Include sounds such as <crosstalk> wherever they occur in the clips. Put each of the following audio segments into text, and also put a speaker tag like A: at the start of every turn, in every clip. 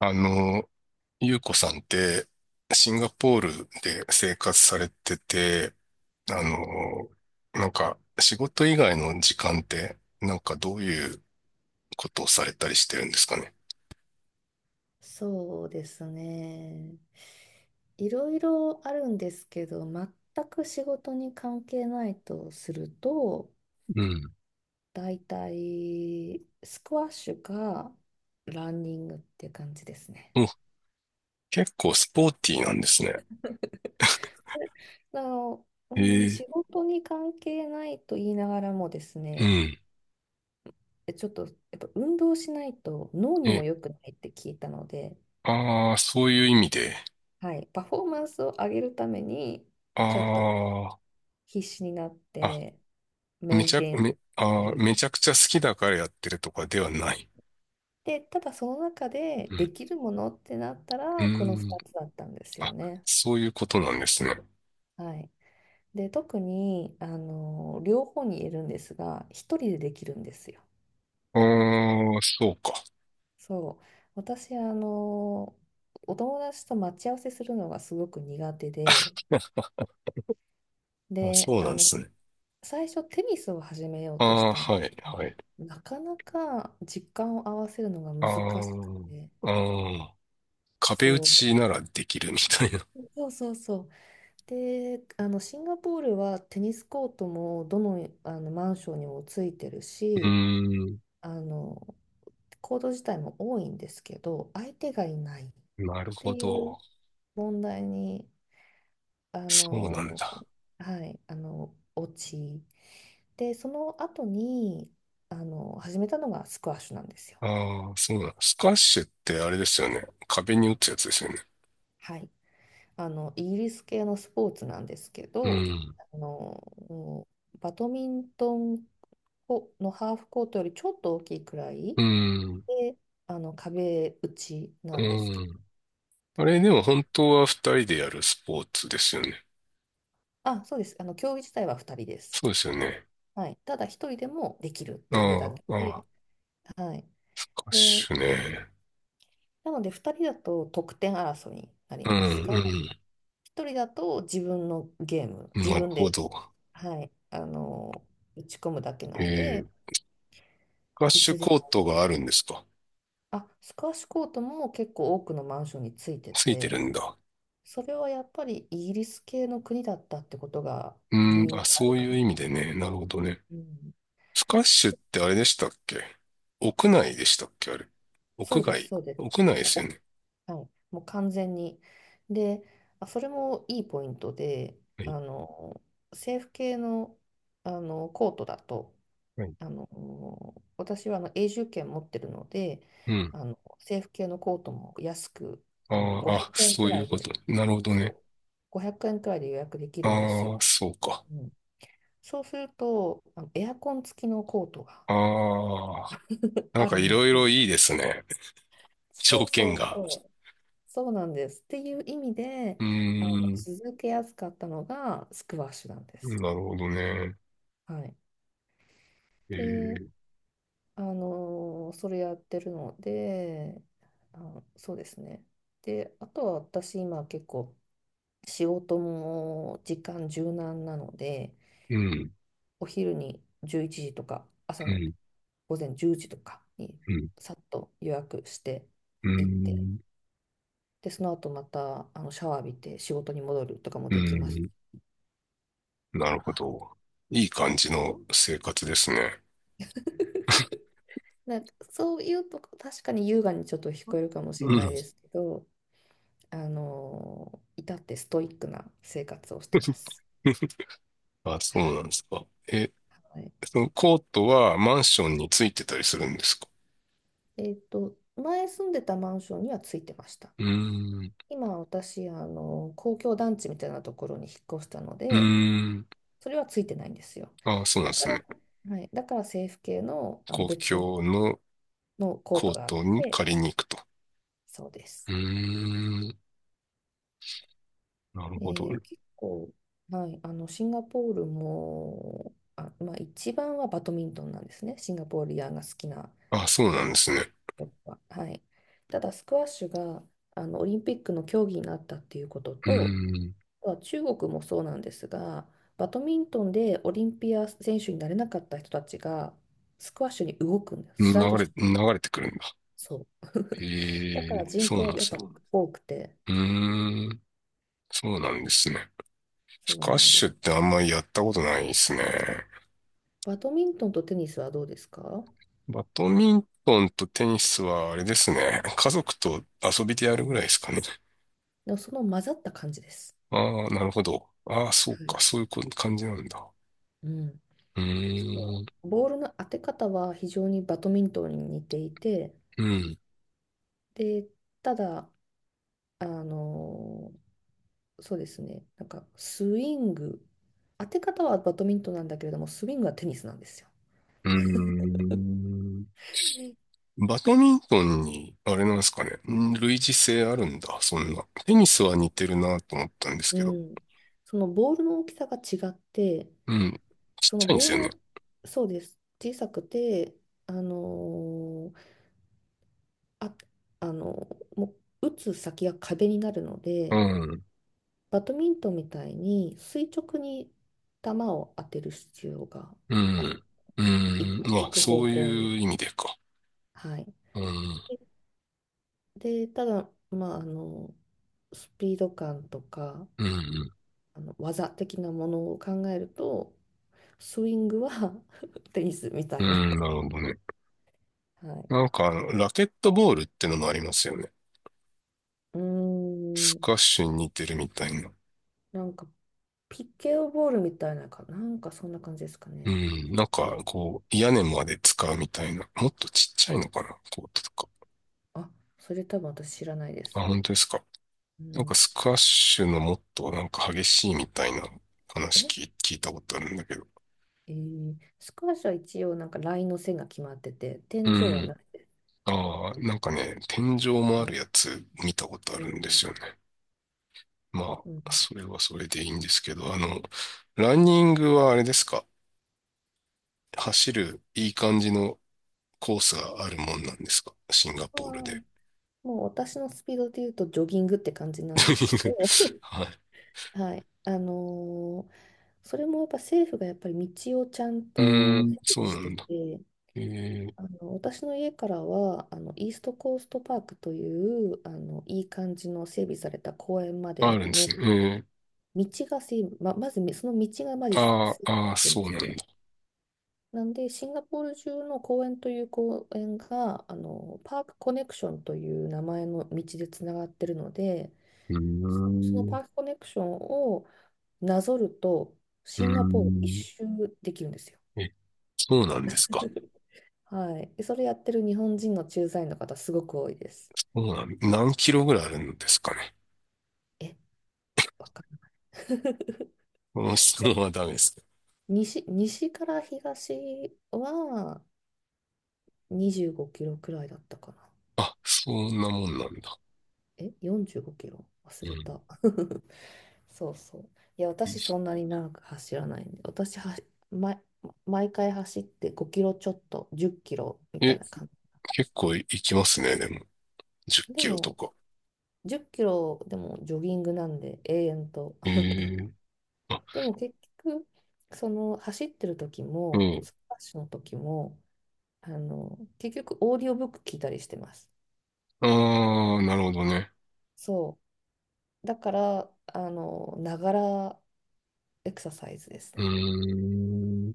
A: あの、ゆうこさんって、シンガポールで生活されてて、
B: は
A: あ
B: い、
A: の、なんか、仕事以外の時間って、なんかどういうことをされたりしてるんですかね。
B: そうですね。いろいろあるんですけど、全く仕事に関係ないとすると、
A: うん。
B: だいたいスクワッシュかランニングって感じですね。
A: お、結構スポーティーなんですね。
B: <laughs> あの、う
A: へ
B: ん、
A: え、
B: 仕事に関係ないと言いながらもです
A: う
B: ね、
A: ん。
B: ちょっとやっぱ運動しないと脳に
A: え、
B: も良くないって聞いたので、
A: ああ、そういう意味で。
B: はい、パフォーマンスを上げるためにちょっと
A: あ
B: 必死になっ
A: あ、
B: て
A: あ、
B: メンテインしてる。
A: めちゃくちゃ好きだからやってるとかではない。
B: で、ただその中
A: う
B: でで
A: ん。
B: きるものってなった
A: うー
B: ら、この
A: ん。
B: 2つだったんですよ
A: あ、
B: ね。
A: そういうことなんですね。
B: はい。で、特に、両方に言えるんですが、一人でできるんですよ。
A: ああ、そうか。
B: そう。私、お友達と待ち合わせするのがすごく苦手で、
A: あ、
B: で、
A: そうなんですね。
B: 最初テニスを始めよう
A: あ
B: とし
A: あ、
B: たんです。
A: はい、はい。
B: なかなか時間を合わせるのが
A: あ
B: 難しく
A: あ、
B: て、
A: ああ、壁打
B: そう、
A: ちならできるみたいな。
B: そうそうそう。で、シンガポールはテニスコートもどの、あのマンションにもついてる
A: <laughs> う
B: し、
A: ーん、
B: あのコート自体も多いんですけど、相手がいないっ
A: なる
B: て
A: ほ
B: い
A: ど。
B: う問題に、あ
A: そうなん
B: の、
A: だ。
B: はい、落ち。で、その後に、始めたのがスクワッシュなんですよ。
A: ああ、そうなんだ。スカッシュってあれですよね。壁に打つやつですよね。
B: はい。イギリス系のスポーツなんですけ
A: う
B: ど、
A: ん、
B: あのバドミントンコのハーフコートよりちょっと大きいくらい
A: うん、
B: で、壁打ちな
A: う
B: んですけど、
A: ん。あれでも本当は二人でやるスポーツですよね。
B: あ、そうです、競技自体は2人です。
A: そうですよね。
B: はい、ただ一人でもできるっていうだ
A: あ
B: け
A: あ、あ
B: で、
A: あ、
B: はい、
A: スカッ
B: で、
A: シュね。
B: なので2人だと得点争いになり
A: う
B: ますが、
A: ん、
B: 一人だと自分のゲーム、
A: うん。
B: 自
A: なる
B: 分
A: ほ
B: で、
A: ど。
B: はい、打ち込むだけな
A: え
B: んで、
A: え、スカッ
B: い
A: シュ
B: つで
A: コー
B: も、
A: トがあるんですか？
B: あ、スカッシュコートも結構多くのマンションについて
A: ついてる
B: て、
A: んだ。
B: それはやっぱりイギリス系の国だったってことが
A: う
B: 理
A: ん、
B: 由
A: あ、
B: であ
A: そ
B: る
A: う
B: か
A: いう意
B: も。
A: 味でね。なるほどね。
B: うん、
A: スカッシュってあれでしたっけ？屋内でしたっけ、あれ。
B: そ
A: 屋
B: うです、
A: 外、
B: そうです。
A: 屋内で
B: もう、
A: すよね。
B: はい、もう完全に。で、あ、それもいいポイントで、
A: は
B: あ
A: い。
B: の、政府系の、コートだと、
A: はい、
B: あの、私は永住権持ってるので、
A: うん。
B: 政府系のコートも安く、
A: あーあ、
B: 500円くえん
A: そ
B: く
A: うい
B: ら
A: う
B: い
A: こ
B: で、
A: と。なるほど
B: そ
A: ね。
B: う、500円くえんくらいで予約できるんですよ。
A: ああ、そうか。
B: うん、そうすると、エアコン付きのコートが
A: ああ、
B: <laughs>
A: なん
B: あ
A: か
B: る
A: い
B: の
A: ろいろ
B: で、
A: いいですね。
B: そ
A: 条
B: う
A: 件
B: そう
A: が。
B: そう、そうなんです。っていう意味で、
A: うーん。
B: 続けやすかったのがスクワッシュなんです。
A: なるほどね。
B: はい。
A: え
B: で、
A: ー、
B: それやってるので、そうですね。で、あとは私今結構仕事も時間柔軟なので、
A: うん、
B: お昼に11時とか朝
A: う
B: の
A: ん、
B: 午前10時とかに
A: うん、
B: さっと予約して
A: う
B: 行って、
A: ん、
B: で、その後またシャワー浴びて仕事に戻るとかも
A: う
B: できます。
A: ん。なるほど。いい
B: は
A: 感
B: い。
A: じの生活ですね。
B: <laughs> なんかそういうとこ、確かに優雅にちょっと聞こえるかも
A: う
B: しれ
A: ん。
B: ないですけど、あの至ってストイックな生活をしてま
A: <laughs>
B: す。
A: あ、そ
B: は
A: うなん
B: い。
A: ですか。え、
B: はい。
A: そのコートはマンションについてたりするんですか？
B: 前住んでたマンションにはついてました。
A: うーん。
B: 今私、公共団地みたいなところに引っ越したの
A: うー
B: で、
A: ん。
B: それはついてないんですよ。
A: あ、そうなん
B: だ
A: で
B: か
A: す
B: ら、
A: ね。
B: はい、だから政府系の、
A: 公
B: 別の、
A: 共の
B: のコー
A: コ
B: ト
A: ー
B: があっ
A: トに
B: て、
A: 借りに行くと。
B: そうで
A: う
B: す。
A: ーん。なるほど。
B: で結構、はい、シンガポールも、あ、まあ、一番はバドミントンなんですね、シンガポーリアンが好きな
A: あ、そう
B: あ
A: なんで
B: の
A: すね。
B: こは。はい、ただ、スクワッシュがオリンピックの競技になったっていうこと
A: うー
B: と、
A: ん。
B: あとは中国もそうなんですが、バドミントンでオリンピア選手になれなかった人たちが、スクワッシュに動くんです、
A: 流
B: スライドし
A: れ、
B: て
A: 流れてくるんだ。
B: そう。<laughs> だ
A: へ
B: か
A: え、
B: ら人
A: そ
B: 口
A: うな
B: は
A: んで
B: やーっ
A: す
B: ぱ
A: ね。
B: そうなんです。多くて、
A: うーん。そうなんですね。
B: そ
A: ス
B: う
A: カ
B: な
A: ッ
B: んで
A: シュっ
B: す。
A: てあんまりやったことないですね。
B: バドミントンとテニスはどうですか？
A: バドミントンとテニスはあれですね。家族と遊びでやる
B: う
A: ぐらい
B: ん、
A: ですかね。
B: でもその混ざった感じです。
A: ああ、なるほど。ああ、そう
B: は
A: か。
B: い。
A: そういうこ感じなんだ。
B: うん。
A: う
B: そ
A: ー
B: の
A: ん。
B: ボールの当て方は非常にバドミントンに似ていて、
A: うん。
B: で、ただ、あのそうですね、なんかスイング、当て方はバドミントンなんだけれども、スイングはテニスなんですよ。
A: うーん。バドミントンに、あれなんですかね。類似性あるんだ、そんな。テニスは似てるなと思ったんです
B: う
A: けど。
B: ん。そのボールの大きさが違って、
A: うん。ちっ
B: そ
A: ち
B: の
A: ゃいんで
B: ボー
A: すよ
B: ル
A: ね。
B: を、そうです。小さくて、あのーあ、あのもう打つ先が壁になるの
A: う
B: で、
A: ん。
B: バドミントンみたいに垂直に球を当てる必要が
A: う
B: ある。
A: ん。うん。ま
B: 行
A: あ、
B: く方
A: そう
B: 向に。
A: いう意味でか。
B: はい。
A: うん。
B: で、ただ、まあ、スピード感とか、
A: うん。
B: 技的なものを考えると、スイングは <laughs> テニスみた
A: う
B: いな。
A: ん。なるほどね。
B: はい。
A: なんかラケットボールってのもありますよね。
B: うー
A: ス
B: ん、
A: カッシュに似てるみたいな。
B: なんかピケオボールみたいなか、なんかそんな感じですか
A: う
B: ね。
A: ん。なんか、こう、屋根まで使うみたいな。もっとちっちゃいのかな、コートとか。
B: あ、それ多分私知らないで
A: あ、
B: す。
A: 本当ですか。
B: う
A: なんか
B: ん、
A: スカッシュのもっとなんか激しいみたいな話
B: え、
A: 聞いたことあるんだけど。
B: えースカーシは一応なんかラインの線が決まってて、
A: う
B: 天井はな
A: ん。
B: い。
A: ああ、なんか
B: あ、
A: ね、天井も
B: う
A: ある
B: ん、
A: やつ見たことあるんですよね。ま
B: うん。
A: あ、それはそれでいいんですけど、ランニングはあれですか？走るいい感じのコースがあるもんなんですか、シンガ
B: あー
A: ポールで。
B: もう私のスピードで言うとジョギングって感じなんですけど、
A: <laughs> はい。
B: はい。それもやっぱ政府がやっぱり道をちゃん
A: うー
B: と
A: ん、
B: 整
A: そ
B: 備
A: う
B: し
A: な
B: て
A: んだ。
B: て、
A: えー、
B: 私の家からはイーストコーストパークといういい感じの整備された公園ま
A: あ
B: で
A: るんです
B: の
A: ね。
B: 道が整備、ま、まずみその道がまず整備
A: あー
B: さ
A: あー、
B: れてるん
A: そ
B: で
A: う
B: す
A: なんだ。
B: よ。なんでシンガポール中の公園という公園がパークコネクションという名前の道でつながってるので、
A: うー
B: その
A: ん、う
B: パークコネクションをなぞると
A: ー
B: シンガポール一
A: ん。
B: 周できるんですよ。
A: え、そうなんですか。
B: <laughs> はい、でそれやってる日本人の駐在員の方すごく多いです。
A: そうなん、何キロぐらいあるんですかね。
B: えわかんない。
A: この質問はダメですね。
B: <laughs> 西から東は25キロくらいだったかな。
A: あ、そんなもんなんだ。
B: え、45キロ忘
A: う
B: れ
A: ん。
B: た。<laughs> そうそう。いや、私そんなに長く走らないんで、私は、毎毎回走って5キロちょっと、10キロみたい
A: え、
B: な感
A: 結構いきますね、でも。10
B: じ。で
A: キロと
B: も、
A: か。
B: 10キロでもジョギングなんで、永遠と。
A: えー、あ、
B: でも結局、その走ってる時
A: う
B: も、
A: ん。
B: スクワッシュの時も、結局オーディオブック聞いたりしてます。
A: ああ、なるほどね。
B: そう。だから、ながらエクササイズです
A: う
B: ね。
A: ーん。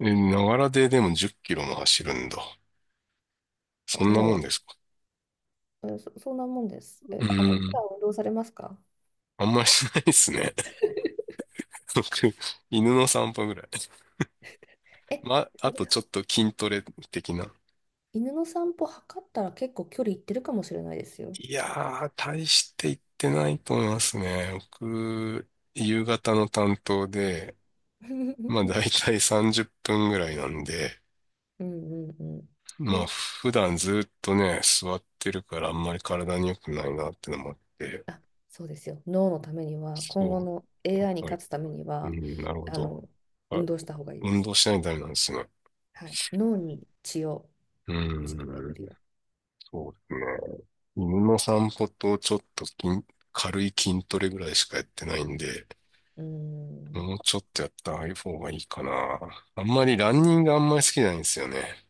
A: え、ながらででも10キロも走るんだ。そんなもん
B: も
A: ですか？
B: う、うん、そんなもんです。
A: う
B: え、あの、普
A: ー
B: 段
A: ん。
B: 運動されますか？
A: あんまりしないですね。<laughs> 僕、犬の散歩ぐらい。
B: え、
A: まあ、あ
B: それ、
A: とちょっと筋トレ的な。
B: 犬の散歩測ったら結構距離いってるかもしれないですよ。
A: いやー、大して行ってないと思いますね。僕、夕方の担当で、
B: <laughs> う
A: まあ
B: ん
A: 大体30分ぐらいなんで、
B: うんうん。
A: まあ
B: で、
A: 普段ずっとね、座ってるからあんまり体に良くないなってのもあって、
B: あ、そうですよ。脳のためには、今後
A: そ
B: の AI に
A: う。
B: 勝つために
A: う
B: は、
A: ん、なるほ
B: あ
A: ど。
B: の、
A: あ、
B: 運動した方がいいで
A: 運
B: す。
A: 動しないとダメなんですね。
B: はい。脳に
A: う
B: 血の
A: ん、
B: 巡りを。
A: そうですね。犬の散歩とちょっと軽い筋トレぐらいしかやってないんで、
B: うん。
A: もうちょっとやった方がいいかな。あんまりランニングあんまり好きじゃないんですよね。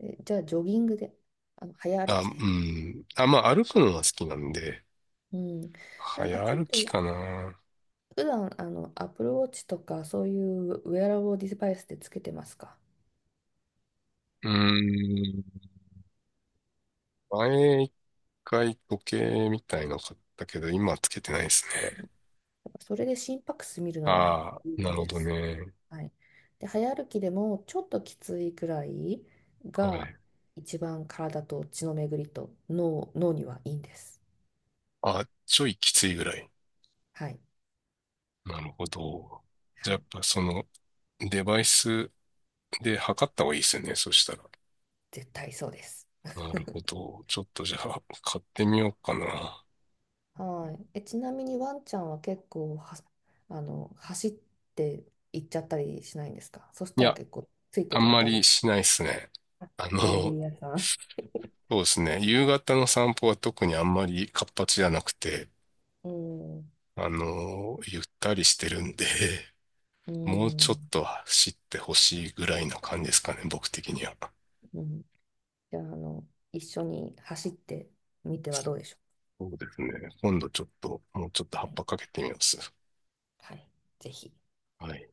B: じゃあ、ジョギングで、早歩
A: あ、う
B: きで。
A: ん。あ、まあ歩くのは好きなんで、
B: うん、
A: 早
B: なんかちょっ
A: 歩き
B: と
A: かな。
B: 普段Apple Watch とかそういうウェアラブルデバイスでつけてますか？
A: うーん。前一回時計みたいの買ったけど、今はつけてないですね。
B: やっぱそれで心拍数見るのは
A: ああ、
B: いい
A: な
B: の
A: るほ
B: で
A: ど
B: す。
A: ね。
B: はい。で、早歩きでもちょっときついくらい
A: は
B: が
A: い。
B: 一番体と血の巡りと脳にはいいんです。
A: あ、ちょいきついぐらい。
B: はい。
A: なるほど。じ
B: は
A: ゃあやっ
B: い。
A: ぱそのデバイスで測った方がいいですよね、そしたら。
B: 絶対そうです。
A: なるほど。ちょっとじゃあ買ってみようかな。
B: はい。ちなみにワンちゃんは結構は、走って行っちゃったりしないんですか？そし
A: い
B: たら
A: や、
B: 結構ついてい
A: あ
B: く
A: ん
B: の
A: ま
B: 大変
A: り
B: です。
A: しないですね。
B: のんび
A: そ
B: り屋さん。
A: うですね。夕方の散歩は特にあんまり活発じゃなくて、
B: うん、
A: ゆったりしてるんで、<laughs>
B: う
A: もうちょっ
B: ん、
A: と走ってほしいぐらいな感じですかね、僕的には。
B: うん。じゃあ、一緒に走ってみてはどうでしょ
A: そうですね。今度ちょっと、もうちょっと葉
B: う。
A: っ
B: はい、
A: ぱかけてみます。
B: はい、ぜひ。
A: はい。